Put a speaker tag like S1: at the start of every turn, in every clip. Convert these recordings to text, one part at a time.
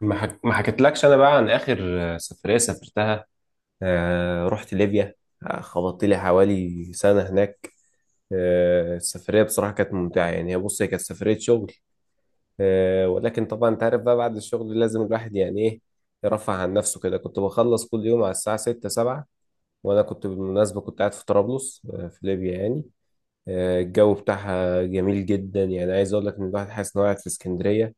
S1: ما حكيتلكش انا بقى عن اخر. سفريه سافرتها. رحت ليبيا. خبطت لي حوالي سنه هناك. السفريه بصراحه كانت ممتعه، يعني هي، بص، هي كانت سفريه شغل. ولكن طبعا انت عارف بقى، بعد الشغل لازم الواحد يعني ايه، يرفع عن نفسه كده. كنت بخلص كل يوم على الساعه 6 7. وانا كنت بالمناسبه كنت قاعد في طرابلس، في ليبيا يعني. الجو بتاعها جميل جدا، يعني عايز اقول لك ان الواحد حاسس ان هو قاعد في اسكندريه.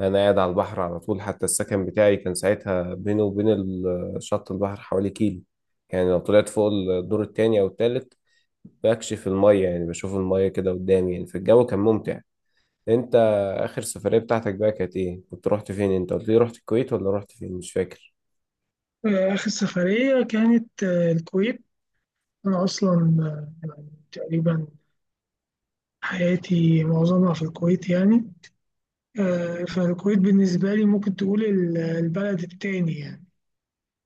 S1: انا قاعد على البحر على طول، حتى السكن بتاعي كان ساعتها بينه وبين شط البحر حوالي كيلو. يعني لو طلعت فوق الدور التاني او التالت بكشف المية، يعني بشوف المية كده قدامي يعني. فالجو كان ممتع. انت اخر سفرية بتاعتك بقى كانت ايه؟ كنت رحت فين؟ انت قلت لي رحت الكويت ولا رحت فين، مش فاكر؟
S2: آخر سفرية كانت الكويت. أنا أصلا يعني تقريبا حياتي معظمها في الكويت يعني. فالكويت بالنسبة لي ممكن تقول البلد التاني، يعني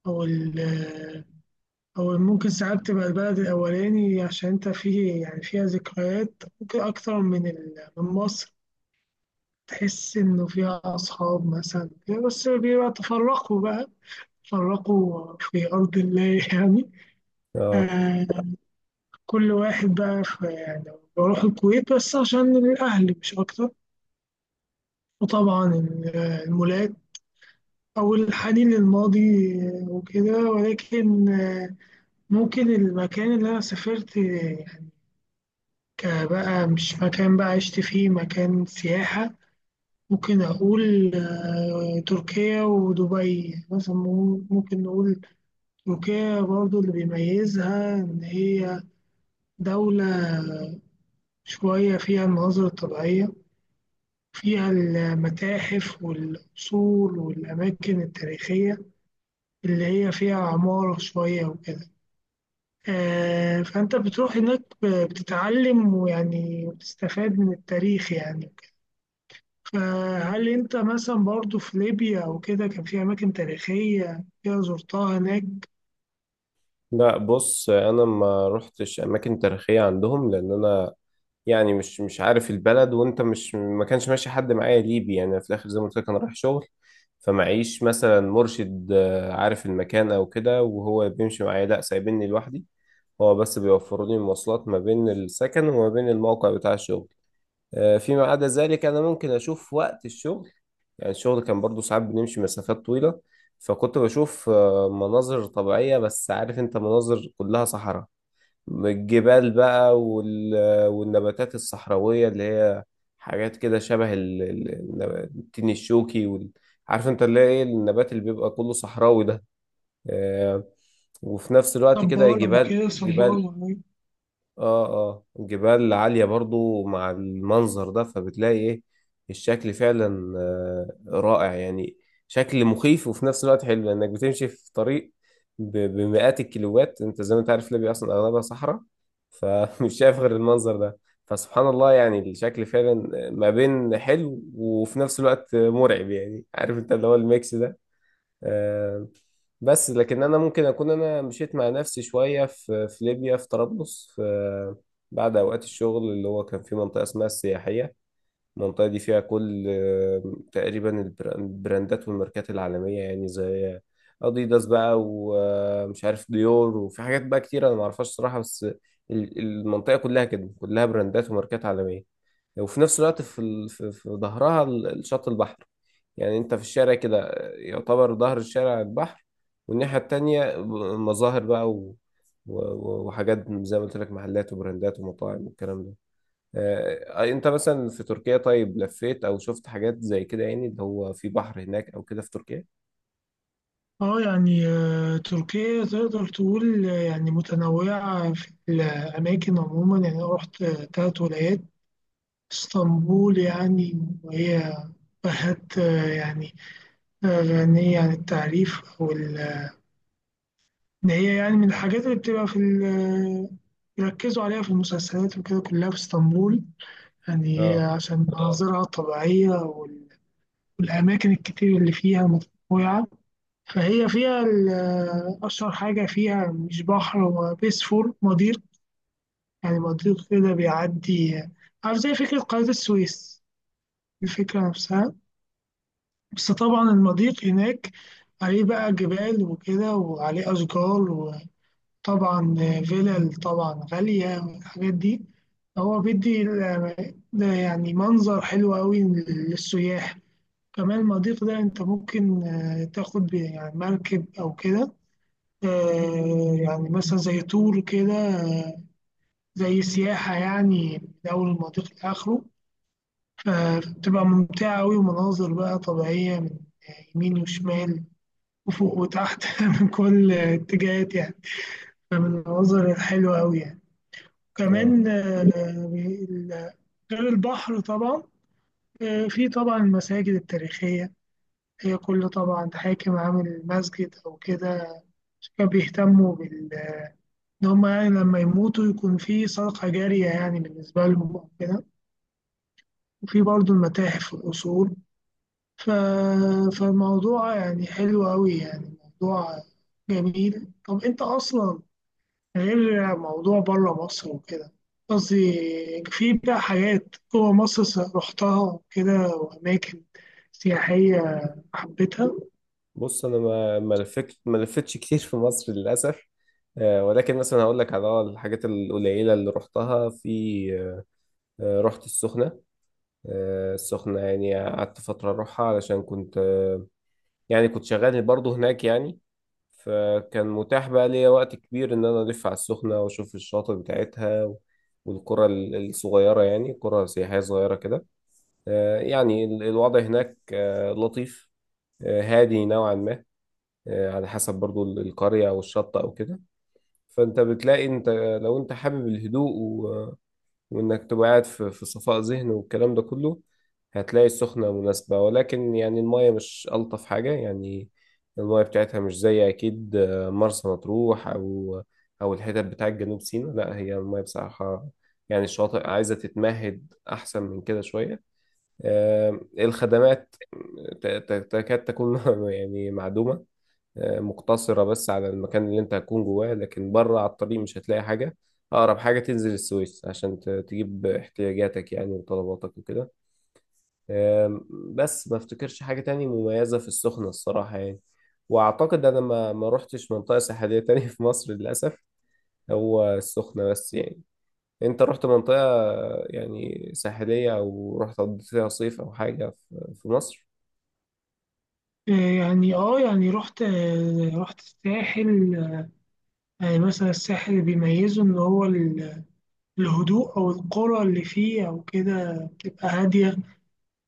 S2: أو أو ممكن ساعات تبقى البلد الأولاني عشان أنت فيه، يعني فيها ذكريات ممكن أكتر من مصر. تحس إنه فيها أصحاب مثلا، بس بيبقى تفرقوا بقى، تفرقوا في أرض الله يعني.
S1: اه،
S2: آه، كل واحد بقى في يعني، بروح الكويت بس عشان الأهل مش أكتر. وطبعا المولات، أو الحنين للماضي وكده. ولكن ممكن المكان اللي أنا سافرت، يعني كبقى مش مكان بقى عشت فيه، مكان سياحة. ممكن أقول تركيا ودبي مثلا، ممكن نقول تركيا. برضو اللي بيميزها إن هي دولة شوية فيها المناظر الطبيعية، فيها المتاحف والأصول والأماكن التاريخية، اللي هي فيها عمارة شوية وكده. فأنت بتروح هناك بتتعلم ويعني وتستفاد من التاريخ يعني وكده. فهل أنت مثلا برضو في ليبيا أو كده كان في أماكن تاريخية كده زرتها هناك؟
S1: لا، بص، انا ما رحتش اماكن تاريخية عندهم، لان انا يعني مش عارف البلد، وانت مش... ما كانش ماشي حد معايا ليبي يعني. في الاخر زي ما قلت لك انا رايح شغل، فمعيش مثلا مرشد عارف المكان او كده وهو بيمشي معايا. لا، سايبيني لوحدي. هو بس بيوفروا لي المواصلات ما بين السكن وما بين الموقع بتاع الشغل. فيما عدا ذلك انا ممكن اشوف وقت الشغل. يعني الشغل كان برضو ساعات بنمشي مسافات طويلة، فكنت بشوف مناظر طبيعية. بس عارف انت، مناظر كلها صحراء. الجبال بقى وال... والنباتات الصحراوية اللي هي حاجات كده شبه ال... التين الشوكي وال... عارف انت اللي هي ايه النبات اللي بيبقى كله صحراوي ده؟ آه، وفي نفس الوقت كده
S2: صبارة
S1: جبال
S2: وكده، صبارة
S1: جبال. اه، اه، جبال عالية برضو مع المنظر ده، فبتلاقي ايه، الشكل فعلا رائع يعني. شكل مخيف وفي نفس الوقت حلو، لانك بتمشي في طريق بمئات الكيلوات. انت زي ما انت عارف ليبيا اصلا اغلبها صحراء، فمش شايف غير المنظر ده. فسبحان الله، يعني الشكل فعلا ما بين حلو وفي نفس الوقت مرعب. يعني عارف انت اللي هو الميكس ده. آه، بس لكن انا ممكن اكون انا مشيت مع نفسي شويه في ليبيا، في طرابلس، في بعد اوقات الشغل، اللي هو كان في منطقه اسمها السياحيه. المنطقة دي فيها كل تقريبا البراندات والماركات العالمية، يعني زي أديداس بقى ومش عارف ديور، وفي حاجات بقى كتير أنا معرفهاش صراحة. بس المنطقة كلها كده كلها براندات وماركات عالمية. وفي نفس الوقت في في ظهرها شط البحر. يعني أنت في الشارع كده يعتبر ظهر الشارع البحر. والناحية التانية مظاهر بقى و... وحاجات زي ما قلت لك، محلات وبراندات ومطاعم والكلام ده. انت مثلا في تركيا، طيب لفيت او شفت حاجات زي كده يعني، اللي هو في بحر هناك او كده في تركيا؟
S2: اه يعني، تركيا تقدر تقول يعني متنوعة في الأماكن عموما. يعني أنا رحت تلات ولايات. اسطنبول يعني، وهي بلد يعني غنية عن التعريف. أو إن هي يعني من الحاجات اللي بتبقى في بيركزوا عليها في المسلسلات وكده، كلها في اسطنبول. يعني هي
S1: اه،
S2: عشان مناظرها الطبيعية والأماكن الكتير اللي فيها، متنوعة. فهي فيها أشهر حاجة فيها مش بحر، هو بيسفور، مضيق. يعني مضيق كده بيعدي، عارف، زي فكرة قناة السويس، الفكرة نفسها. بس طبعا المضيق هناك عليه بقى جبال وكده، وعليه أشجار. وطبعا فيلل طبعا غالية والحاجات دي. هو بيدي ده يعني منظر حلو أوي للسياح. كمان المضيق ده أنت ممكن تاخد يعني مركب أو كده، يعني مثلا زي تور كده، زي سياحة يعني، من أول المضيق لآخره. فبتبقى ممتعة أوي، ومناظر بقى طبيعية من يمين وشمال وفوق وتحت من كل اتجاهات يعني. فمن المناظر الحلوة أوي يعني.
S1: اه،
S2: كمان غير البحر طبعا، في طبعا المساجد التاريخية. هي كل طبعا حاكم عامل مسجد أو كده، كانوا بيهتموا بال، إن هم يعني لما يموتوا يكون في صدقة جارية يعني بالنسبة لهم أو كده. وفي برضه المتاحف والأصول. ف... فالموضوع يعني حلو أوي يعني، موضوع جميل. طب أنت أصلا، غير موضوع بره مصر وكده، قصدي، في بقى حاجات جوه مصر رحتها وكده، وأماكن سياحية حبيتها؟
S1: بص، انا ما لفتش كتير في مصر للاسف. ولكن مثلا هقول لك على اه الحاجات القليله اللي رحتها في... رحت السخنه. السخنه يعني قعدت فتره اروحها، علشان كنت يعني كنت شغال برضه هناك يعني. فكان متاح بقى ليا وقت كبير إن أنا ألف على السخنة وأشوف الشاطئ بتاعتها و... والقرى الصغيرة، يعني قرى سياحية صغيرة كده. يعني الوضع هناك لطيف، هادي نوعا ما، على حسب برضو القرية أو الشط أو كده. فأنت بتلاقي أنت... لو أنت حابب الهدوء وإنك تبقى قاعد في صفاء ذهن والكلام ده كله، هتلاقي السخنة مناسبة. ولكن يعني المايه مش ألطف حاجة يعني. المايه بتاعتها مش زي أكيد مرسى مطروح أو الحتت بتاعت جنوب سيناء. لا، هي المايه بصراحة يعني الشواطئ عايزة تتمهد أحسن من كده شوية. الخدمات تكاد تكون يعني معدومة. مقتصرة بس على المكان اللي انت هتكون جواه، لكن بره على الطريق مش هتلاقي حاجة. أقرب حاجة تنزل السويس عشان تجيب احتياجاتك يعني وطلباتك وكده. أم، بس ما افتكرش حاجة تانية مميزة في السخنة الصراحة يعني. وأعتقد أنا ما روحتش منطقة ساحلية تانية في مصر للأسف، هو السخنة بس يعني. أنت رحت منطقة يعني ساحلية؟ أو رحت قضيت فيها صيف أو حاجة في مصر؟
S2: يعني اه يعني رحت رحت الساحل. يعني مثلا الساحل اللي بيميزه إن هو الهدوء، أو القرى اللي فيه أو كده بتبقى هادية.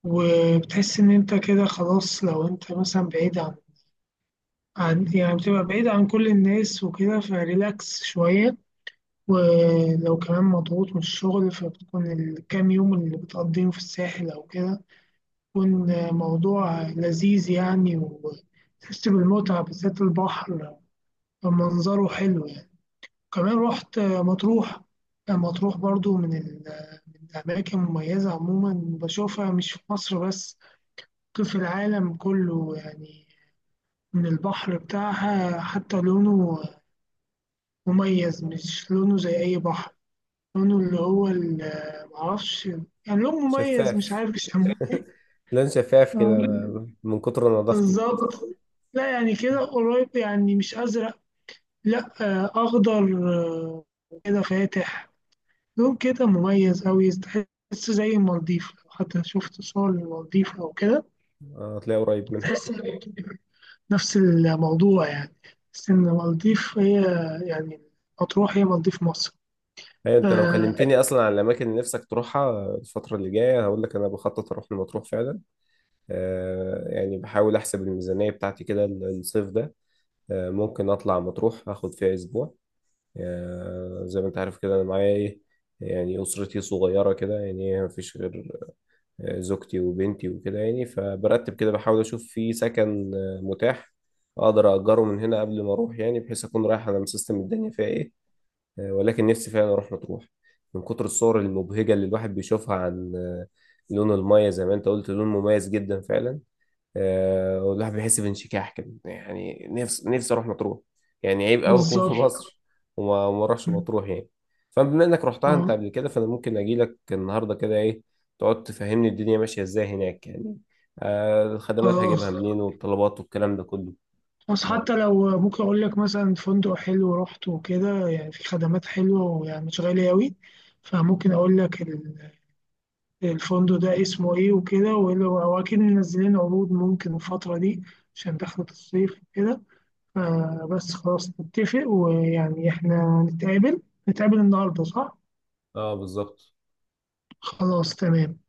S2: وبتحس إن أنت كده خلاص، لو أنت مثلا بعيد عن، يعني بتبقى بعيد عن كل الناس وكده، فريلاكس شوية. ولو كمان مضغوط من الشغل، فبتكون الكام يوم اللي بتقضيهم في الساحل أو كده، بيكون موضوع لذيذ يعني، وتحس بالمتعة، بالذات البحر منظره حلو يعني. كمان رحت مطروح. مطروح برضو من من الأماكن المميزة عموما، بشوفها مش في مصر بس، ممكن في العالم كله يعني. من البحر بتاعها حتى لونه مميز، مش لونه زي أي بحر. لونه اللي هو معرفش، يعني لون مميز مش
S1: شفاف.
S2: عارف يسموه ايه.
S1: لون شفاف
S2: آه،
S1: كده من كتر نظافته.
S2: بالظبط. لا، يعني كده قريب يعني. مش أزرق، لا، آه، أخضر، آه، كده فاتح، لون كده مميز أوي. تحس زي المالديف، لو حتى شفت صور للمالديف أو كده،
S1: هتلاقي قريب منها.
S2: تحس نفس الموضوع يعني. بس إن المالديف هي يعني، مطروح هي مالديف مصر.
S1: هي
S2: ف-
S1: انت لو كلمتني اصلا عن الاماكن اللي نفسك تروحها الفتره اللي جايه، هقول لك انا بخطط اروح المطروح فعلا. آه، يعني بحاول احسب الميزانيه بتاعتي كده الصيف ده. آه، ممكن اطلع مطروح اخد فيها اسبوع. آه، زي ما انت عارف كده، انا معايا ايه، يعني اسرتي صغيره كده يعني ما فيش غير زوجتي وبنتي وكده يعني. فبرتب كده، بحاول اشوف في سكن متاح اقدر اجره من هنا قبل ما اروح، يعني بحيث اكون رايح انا مسيستم الدنيا فيها ايه. ولكن نفسي فعلا اروح مطروح، من كتر الصور المبهجه اللي الواحد بيشوفها عن لون المايه. زي ما انت قلت، لون مميز جدا فعلا. والواحد بيحس بانشكاح كده يعني. نفسي نفسي اروح مطروح. يعني عيب قوي اكون في
S2: بالظبط.
S1: مصر وما اروحش مطروح يعني. فبما انك رحتها
S2: آه،
S1: انت قبل كده، فانا ممكن اجي لك النهارده كده ايه، تقعد تفهمني الدنيا ماشيه ازاي هناك يعني. الخدمات
S2: خلاص.
S1: هجيبها منين، والطلبات والكلام ده كله.
S2: بس
S1: اه،
S2: حتى لو ممكن أقول لك مثلا فندق حلو رحت وكده، يعني في خدمات حلوة، ويعني مش غالية أوي. فممكن أقول لك الفندق ده اسمه إيه وكده، وأكيد منزلين عروض ممكن الفترة دي، عشان دخلت الصيف وكده. فبس خلاص نتفق، ويعني إحنا نتقابل، نتقابل النهاردة، صح؟
S1: بالظبط.
S2: خلاص، تمام.